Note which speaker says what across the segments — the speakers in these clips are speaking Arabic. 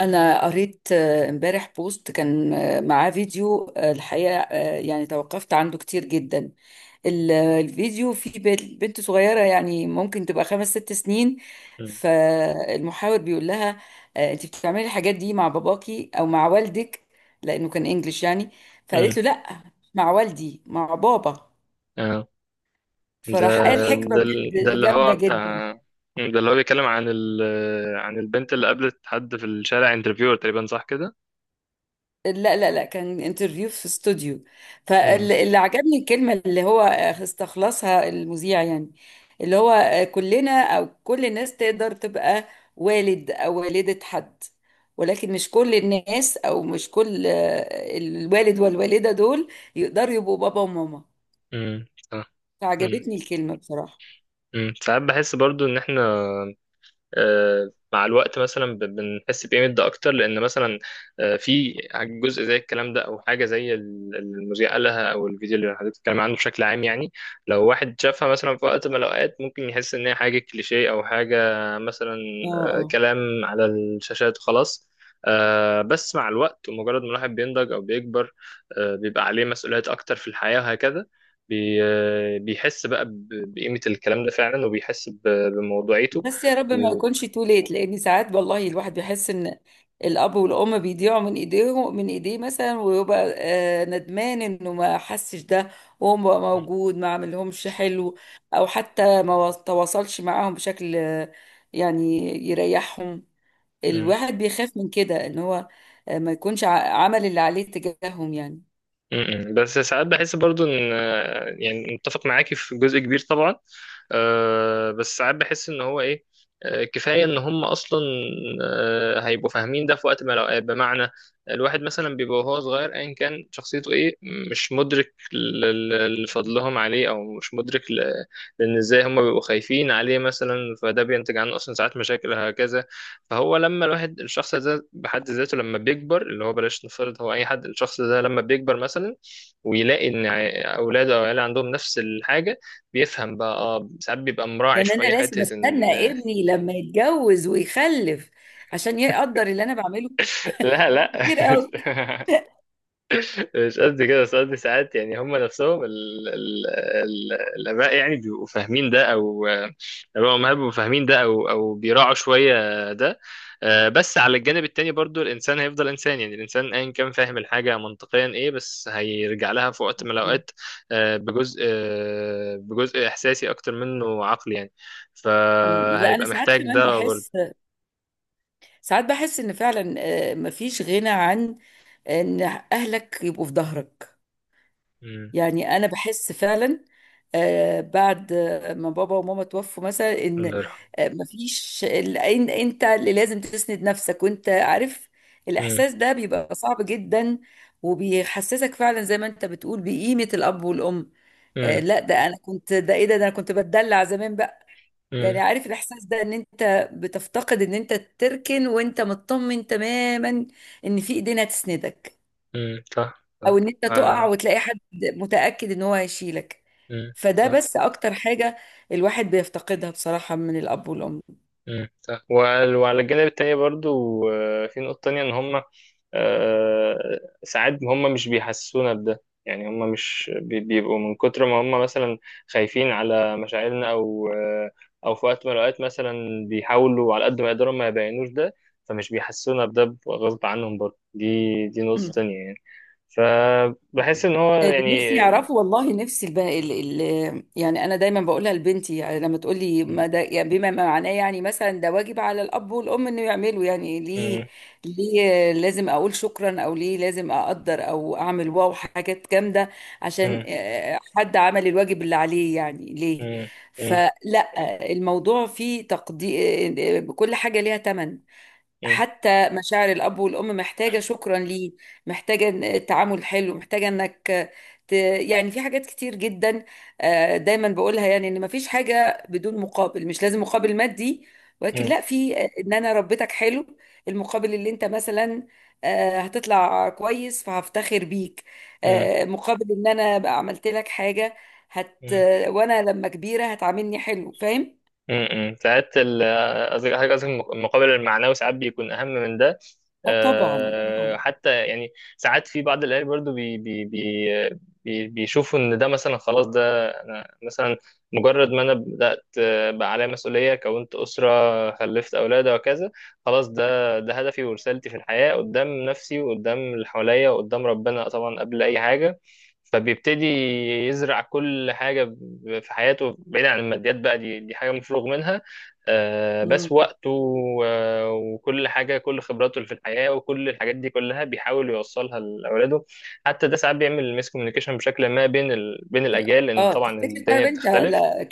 Speaker 1: أنا قريت امبارح بوست كان معاه فيديو الحقيقة يعني توقفت عنده كتير جدا. الفيديو فيه بنت صغيرة يعني ممكن تبقى خمس ست سنين.
Speaker 2: مم.
Speaker 1: فالمحاور بيقول لها أنت بتعملي الحاجات دي مع باباكي أو مع والدك، لأنه كان إنجليش يعني. فقالت
Speaker 2: مم.
Speaker 1: له لأ، مع والدي مع بابا.
Speaker 2: اه. ده
Speaker 1: فراح قال حكمة
Speaker 2: ده ال- ده
Speaker 1: بجد
Speaker 2: اللي هو
Speaker 1: جامدة
Speaker 2: بتاع
Speaker 1: جدا.
Speaker 2: ده اللي هو بيتكلم عن عن البنت اللي قابلت حد في الشارع، انترفيور تقريبا، صح كده؟
Speaker 1: لا لا لا، كان انترفيو في استوديو.
Speaker 2: امم.
Speaker 1: فاللي عجبني الكلمة اللي هو استخلصها المذيع يعني، اللي هو كلنا أو كل الناس تقدر تبقى والد أو والدة حد، ولكن مش كل الناس أو مش كل الوالد والوالدة دول يقدروا يبقوا بابا وماما.
Speaker 2: صح. امم.
Speaker 1: فعجبتني الكلمة بصراحة.
Speaker 2: ساعات بحس برضو ان احنا، مع الوقت مثلا بنحس بقيمة ده أكتر، لأن مثلا في جزء زي الكلام ده، أو حاجة زي المذيع قالها، أو الفيديو اللي حضرتك بتتكلم عنه بشكل عام يعني. لو واحد شافها مثلا في وقت من الأوقات، ممكن يحس إن هي حاجة كليشيه أو حاجة مثلا،
Speaker 1: اه اه،
Speaker 2: كلام على الشاشات وخلاص. بس مع الوقت ومجرد ما الواحد بينضج أو بيكبر، بيبقى عليه مسؤوليات أكتر في الحياة وهكذا. بيحس بقى بقيمة الكلام ده فعلا، وبيحس بموضوعيته.
Speaker 1: بس يا رب ما يكونش تو ليت، لان ساعات والله الواحد بيحس ان الاب والام بيضيعوا من ايديهم من ايديه مثلا، ويبقى ندمان انه ما حسش ده وهو بقى موجود، ما عملهمش حلو، او حتى ما و- تواصلش معاهم بشكل يعني يريحهم.
Speaker 2: مم.
Speaker 1: الواحد بيخاف من كده ان هو ما يكونش عمل اللي عليه تجاههم يعني.
Speaker 2: مم. بس ساعات بحس برضو ان، يعني متفق معاكي في جزء كبير طبعا. بس ساعات بحس ان هو ايه، كفايه ان هم اصلا هيبقوا فاهمين ده في وقت ما الأوقات. بمعنى، الواحد مثلا بيبقى وهو صغير ايا كان شخصيته ايه، مش مدرك لفضلهم عليه، او مش مدرك لان ازاي هم بيبقوا خايفين عليه مثلا، فده بينتج عنه اصلا ساعات مشاكل هكذا. فهو لما الواحد الشخص ده بحد ذاته لما بيكبر، اللي هو بلاش نفترض، هو اي حد الشخص ده لما بيكبر مثلا ويلاقي ان اولاده او عياله عندهم نفس الحاجه، بيفهم بقى. اه، ساعات بيبقى مراعي
Speaker 1: لان انا
Speaker 2: شويه
Speaker 1: لازم
Speaker 2: حته ان
Speaker 1: استنى ابني لما يتجوز ويخلف عشان يقدر اللي انا بعمله،
Speaker 2: لا، لا.
Speaker 1: كتير قوي.
Speaker 2: مش قد كده، بس قصدي ساعات يعني هم نفسهم ال ال ال الآباء يعني بيبقوا فاهمين ده، أو الآباء والأمهات بيبقوا فاهمين ده أو بيراعوا شوية ده. بس على الجانب التاني برضو الإنسان هيفضل إنسان، يعني الإنسان أيا كان فاهم الحاجة منطقيا إيه، بس هيرجع لها في وقت من الأوقات بجزء إحساسي أكتر منه عقلي يعني،
Speaker 1: مم، لا انا
Speaker 2: فهيبقى
Speaker 1: ساعات
Speaker 2: محتاج
Speaker 1: كمان
Speaker 2: ده برضو.
Speaker 1: بحس، ساعات بحس ان فعلا مفيش غنى عن ان اهلك يبقوا في ظهرك.
Speaker 2: مم.
Speaker 1: يعني انا بحس فعلا بعد ما بابا وماما توفوا مثلا ان
Speaker 2: الله يرحمه.
Speaker 1: انت اللي لازم تسند نفسك، وانت عارف
Speaker 2: مم.
Speaker 1: الاحساس ده بيبقى صعب جدا، وبيحسسك فعلا زي ما انت بتقول بقيمة الاب والام.
Speaker 2: مم.
Speaker 1: لا ده انا كنت، ده ايه ده ده انا كنت بتدلع زمان
Speaker 2: مم.
Speaker 1: يعني. عارف الاحساس ده ان انت بتفتقد ان انت تركن وانت مطمن تماما ان في ايدين هتسندك،
Speaker 2: مم. صح، صح.
Speaker 1: او ان انت تقع
Speaker 2: آه.
Speaker 1: وتلاقي حد متأكد ان هو هيشيلك.
Speaker 2: مم.
Speaker 1: فده
Speaker 2: صح.
Speaker 1: بس اكتر حاجة الواحد بيفتقدها بصراحة من الاب والام.
Speaker 2: مم، صح. وعلى الجانب التاني برضو، في نقطة تانية إن هما، ساعات هما مش بيحسسونا بده، يعني هما مش بي- بيبقوا من كتر ما هما مثلا خايفين على مشاعرنا، أو أو في وقت من الأوقات مثلا بيحاولوا على قد ما يقدروا ما يبينوش ده، فمش بيحسسونا بده غصب عنهم برضو. دي نقطة تانية يعني، فبحس إن هو
Speaker 1: اللي نفسي
Speaker 2: يعني.
Speaker 1: يعرفه والله، نفسي البقى ال... ال... يعني انا دايما بقولها لبنتي، يعني لما تقول لي
Speaker 2: مم.
Speaker 1: ما ده يعني بما معناه، يعني مثلا ده واجب على الاب والام انه يعملوا، يعني ليه؟
Speaker 2: مم.
Speaker 1: ليه لازم اقول شكرا، او ليه لازم اقدر او اعمل واو حاجات جامده عشان
Speaker 2: مم.
Speaker 1: حد عمل الواجب اللي عليه يعني؟ ليه؟
Speaker 2: مم. مم.
Speaker 1: فلا، الموضوع فيه تقدير، كل حاجه ليها ثمن. حتى مشاعر الأب والأم محتاجة شكرا، ليه؟ محتاجة تعامل حلو، محتاجة إنك ت... يعني في حاجات كتير جدا. دايما بقولها، يعني إن مفيش حاجة بدون مقابل، مش لازم مقابل مادي، ولكن
Speaker 2: مم.
Speaker 1: لا، في إن أنا ربيتك حلو، المقابل اللي أنت مثلا هتطلع كويس فهفتخر بيك،
Speaker 2: مم.
Speaker 1: مقابل إن أنا بقى عملت لك حاجة، هت،
Speaker 2: مم.
Speaker 1: وأنا لما كبيرة هتعاملني حلو. فاهم؟
Speaker 2: امم، ساعات ال- قصدي حاجة قصدي المقابل المعنوي ساعات بيكون أهم من ده.
Speaker 1: اه طبعا
Speaker 2: حتى يعني ساعات في بعض الأهالي برضو بيشوفوا إن ده، مثلا خلاص ده أنا مثلا مجرد ما أنا بدأت، بقى عليا مسؤولية كونت أسرة خلفت أولاد وكذا، خلاص ده هدفي ورسالتي في الحياة قدام نفسي وقدام اللي حواليا وقدام ربنا طبعا قبل أي حاجة. فبيبتدي يزرع كل حاجة في حياته، بعيد عن الماديات بقى، دي حاجة مفروغ منها.
Speaker 1: طبعا.
Speaker 2: بس وقته وكل حاجة، كل خبراته اللي في الحياة وكل الحاجات دي كلها بيحاول يوصلها لأولاده. حتى ده ساعات بيعمل ميس كوميونيكيشن بشكل ما بين بين الأجيال، لأن
Speaker 1: اه
Speaker 2: طبعا
Speaker 1: تفتكر
Speaker 2: الدنيا
Speaker 1: طيب انت،
Speaker 2: بتختلف.
Speaker 1: لا،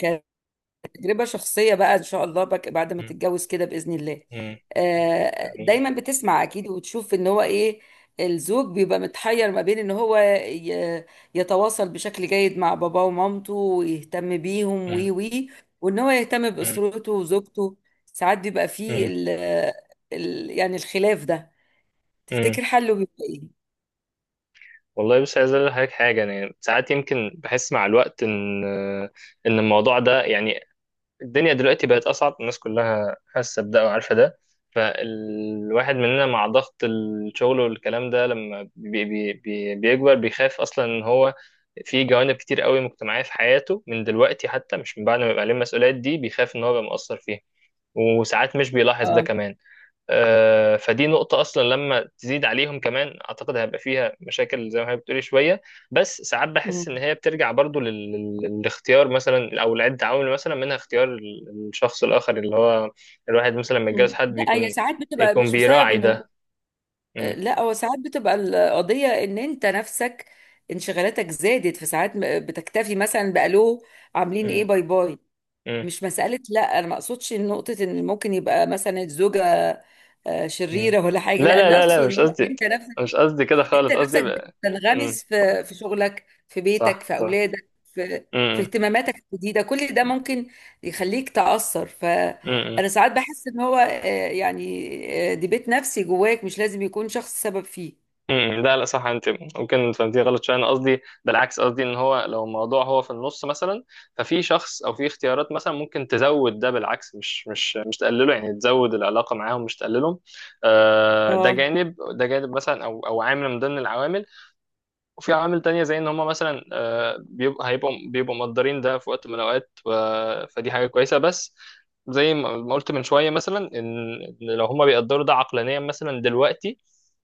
Speaker 1: كتجربة شخصية بقى ان شاء الله بك بعد ما
Speaker 2: مم.
Speaker 1: تتجوز كده بإذن الله،
Speaker 2: مم. مم.
Speaker 1: دايما بتسمع اكيد وتشوف ان هو ايه. الزوج بيبقى متحير ما بين ان هو يتواصل بشكل جيد مع باباه ومامته ويهتم بيهم وي، وان هو يهتم
Speaker 2: مم.
Speaker 1: بأسرته وزوجته. ساعات بيبقى فيه
Speaker 2: مم.
Speaker 1: ال يعني الخلاف ده،
Speaker 2: مم.
Speaker 1: تفتكر حله بيبقى ايه؟
Speaker 2: والله بص، عايز اقول لحضرتك حاجه، يعني ساعات يمكن بحس مع الوقت ان، الموضوع ده يعني، الدنيا دلوقتي بقت أصعب، الناس كلها حاسة بده وعارفة ده. فالواحد مننا مع ضغط الشغل والكلام ده لما بي بي بي بيكبر، بيخاف أصلا إن هو في جوانب كتير قوي مجتمعية في حياته من دلوقتي، حتى مش من بعد ما يبقى عليه المسؤوليات دي، بيخاف إن هو يبقى مقصر فيها، وساعات مش بيلاحظ ده
Speaker 1: اه،
Speaker 2: كمان. فدي نقطة أصلا لما تزيد عليهم كمان، أعتقد هيبقى فيها مشاكل زي ما هي بتقولي شوية. بس ساعات بحس
Speaker 1: مم.
Speaker 2: إن هي بترجع برضو للاختيار مثلا، أو لعدة عوامل مثلا منها اختيار الشخص الآخر اللي هو، الواحد مثلا لما يتجوز
Speaker 1: مم.
Speaker 2: حد
Speaker 1: لا هي
Speaker 2: بيكون
Speaker 1: ساعات بتبقى مش بسبب
Speaker 2: بيراعي
Speaker 1: انه،
Speaker 2: ده. م-
Speaker 1: لا هو ساعات بتبقى القضية ان انت نفسك، انشغالاتك زادت. في ساعات بتكتفي مثلا بألو، عاملين
Speaker 2: م-
Speaker 1: ايه، باي باي.
Speaker 2: م-
Speaker 1: مش مسألة، لا انا ما اقصدش نقطة ان ممكن يبقى مثلا الزوجة
Speaker 2: م.
Speaker 1: شريرة ولا حاجة،
Speaker 2: لا
Speaker 1: لا
Speaker 2: لا
Speaker 1: اللي
Speaker 2: لا
Speaker 1: اقصد
Speaker 2: لا،
Speaker 1: ان
Speaker 2: مش
Speaker 1: هو
Speaker 2: قصدي،
Speaker 1: انت نفسك.
Speaker 2: مش قصدي كده
Speaker 1: انت
Speaker 2: خالص، قصدي
Speaker 1: نفسك
Speaker 2: بقى. م.
Speaker 1: بتنغمس في شغلك، في بيتك،
Speaker 2: صح،
Speaker 1: في
Speaker 2: صح.
Speaker 1: اولادك، في في
Speaker 2: م- م-
Speaker 1: اهتماماتك الجديدة، كل ده ممكن يخليك تأثر ف،
Speaker 2: م- م.
Speaker 1: انا ساعات بحس ان هو يعني دي بيت نفسي جواك، مش لازم يكون شخص سبب فيه.
Speaker 2: امم، لا لا صح. انت ممكن فهمتيه غلط شويه. انا قصدي بالعكس، قصدي ان هو لو الموضوع هو في النص مثلا، ففي شخص او في اختيارات مثلا ممكن تزود ده بالعكس، مش تقلله، يعني تزود العلاقه معاهم مش تقللهم.
Speaker 1: اه
Speaker 2: ده جانب مثلا او عامل من ضمن العوامل. وفي عوامل تانية زي ان هم مثلا بيبقوا بيبقوا مقدرين ده في وقت من الاوقات، فدي حاجه كويسه. بس زي ما قلت من شويه مثلا ان، إن لو هم بيقدروا ده عقلانيا مثلا دلوقتي،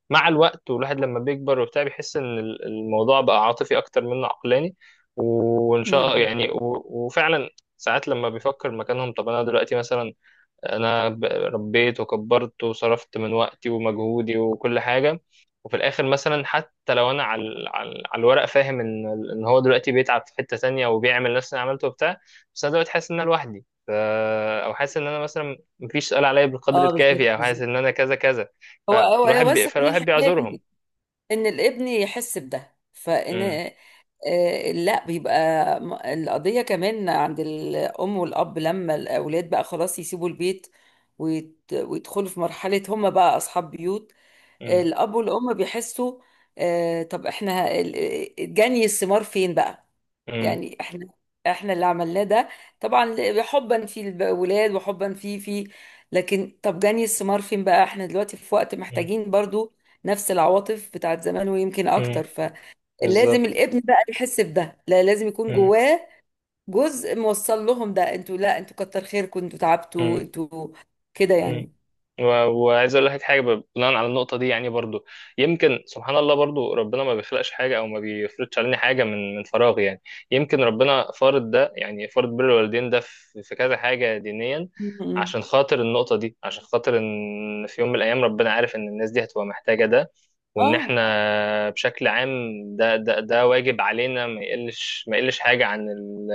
Speaker 2: مع الوقت والواحد لما بيكبر وبتاع، بيحس ان الموضوع بقى عاطفي اكتر منه عقلاني. وان شاء
Speaker 1: مم.
Speaker 2: يعني وفعلا ساعات لما بيفكر مكانهم، طب انا دلوقتي مثلا، انا ربيت وكبرت وصرفت من وقتي ومجهودي وكل حاجه، وفي الاخر مثلا حتى لو انا على على الورق فاهم ان، ان هو دلوقتي بيتعب في حته تانية وبيعمل نفس اللي عملته وبتاع، بس انا دلوقتي حاسس ان انا لوحدي او حاسس ان انا مثلا مفيش سؤال عليا بالقدر
Speaker 1: اه بالظبط
Speaker 2: الكافي، او حاسس
Speaker 1: بالظبط.
Speaker 2: ان انا كذا كذا،
Speaker 1: هو هو هو بس كل
Speaker 2: فالواحد
Speaker 1: الحكايه
Speaker 2: بيعذرهم.
Speaker 1: ان، إن الابن يحس بده، فان
Speaker 2: امم.
Speaker 1: لا بيبقى، القضيه كمان عند الام والاب لما الاولاد بقى خلاص يسيبوا البيت، ويدخلوا في مرحله هم بقى اصحاب بيوت،
Speaker 2: امم.
Speaker 1: الاب والام بيحسوا طب احنا جني الثمار فين بقى؟
Speaker 2: امم.
Speaker 1: يعني احنا، احنا اللي عملناه ده طبعا حبا في الولاد وحبا في في، لكن طب جني الثمار فين بقى؟ احنا دلوقتي في وقت محتاجين برضو نفس العواطف بتاعت زمان ويمكن اكتر.
Speaker 2: امم.
Speaker 1: فلازم
Speaker 2: بالظبط.
Speaker 1: الابن بقى يحس بده، لا لازم يكون جواه جزء موصل لهم ده، انتوا، لا انتوا كتر خيركم، انتوا تعبتوا انتوا، كده
Speaker 2: امم.
Speaker 1: يعني.
Speaker 2: وعايز اقول لك حاجه بناء على النقطه دي يعني برضو، يمكن سبحان الله برضو ربنا ما بيخلقش حاجه او ما بيفرضش علينا حاجه من فراغ يعني. يمكن ربنا فارض ده، يعني فارض بر الوالدين ده في كذا حاجه دينيا،
Speaker 1: م- م.
Speaker 2: عشان خاطر النقطه دي، عشان خاطر ان في يوم من الايام ربنا عارف ان الناس دي هتبقى محتاجه ده. وان
Speaker 1: اه
Speaker 2: احنا بشكل عام، ده واجب علينا، ما يقلش حاجه عن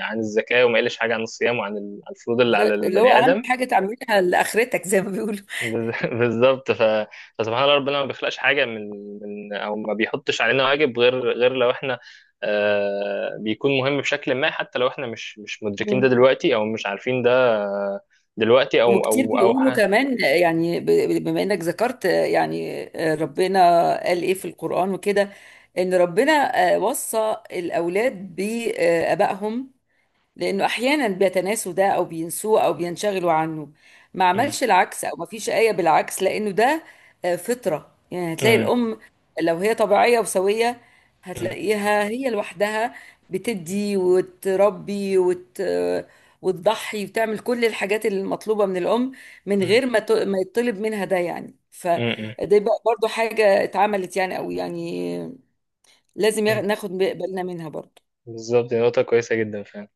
Speaker 2: عن الزكاه، وما يقلش حاجه عن الصيام وعن عن الفروض اللي على
Speaker 1: اللي هو
Speaker 2: البني
Speaker 1: اهم
Speaker 2: ادم.
Speaker 1: حاجة تعملها لاخرتك زي ما بيقولوا.
Speaker 2: بالظبط. فسبحان الله ربنا ما بيخلقش حاجه من من او ما بيحطش علينا واجب غير لو احنا، آه، بيكون مهم بشكل ما، حتى لو احنا مش مدركين ده دلوقتي، او مش عارفين ده دلوقتي او
Speaker 1: وكتير
Speaker 2: او او
Speaker 1: بيقولوا
Speaker 2: ح...
Speaker 1: كمان، يعني بما انك ذكرت يعني ربنا قال ايه في القرآن وكده، ان ربنا وصى الاولاد بابائهم لأنه أحيانا بيتناسوا ده أو بينسوه أو بينشغلوا عنه. ما
Speaker 2: م-
Speaker 1: عملش العكس أو ما فيش آية بالعكس، لأنه ده فطرة. يعني هتلاقي
Speaker 2: م-
Speaker 1: الأم لو هي طبيعية وسوية،
Speaker 2: م-
Speaker 1: هتلاقيها هي لوحدها بتدي وتربي وت... وتضحي وتعمل كل الحاجات المطلوبة من الأم، من
Speaker 2: م-
Speaker 1: غير ما ت... ما يطلب منها ده يعني. فده
Speaker 2: م- م-
Speaker 1: بقى برضو حاجة اتعملت يعني، أو يعني لازم
Speaker 2: م-
Speaker 1: ناخد بالنا منها برضو.
Speaker 2: بالظبط، دي نقطه كويسه جدا فعلا.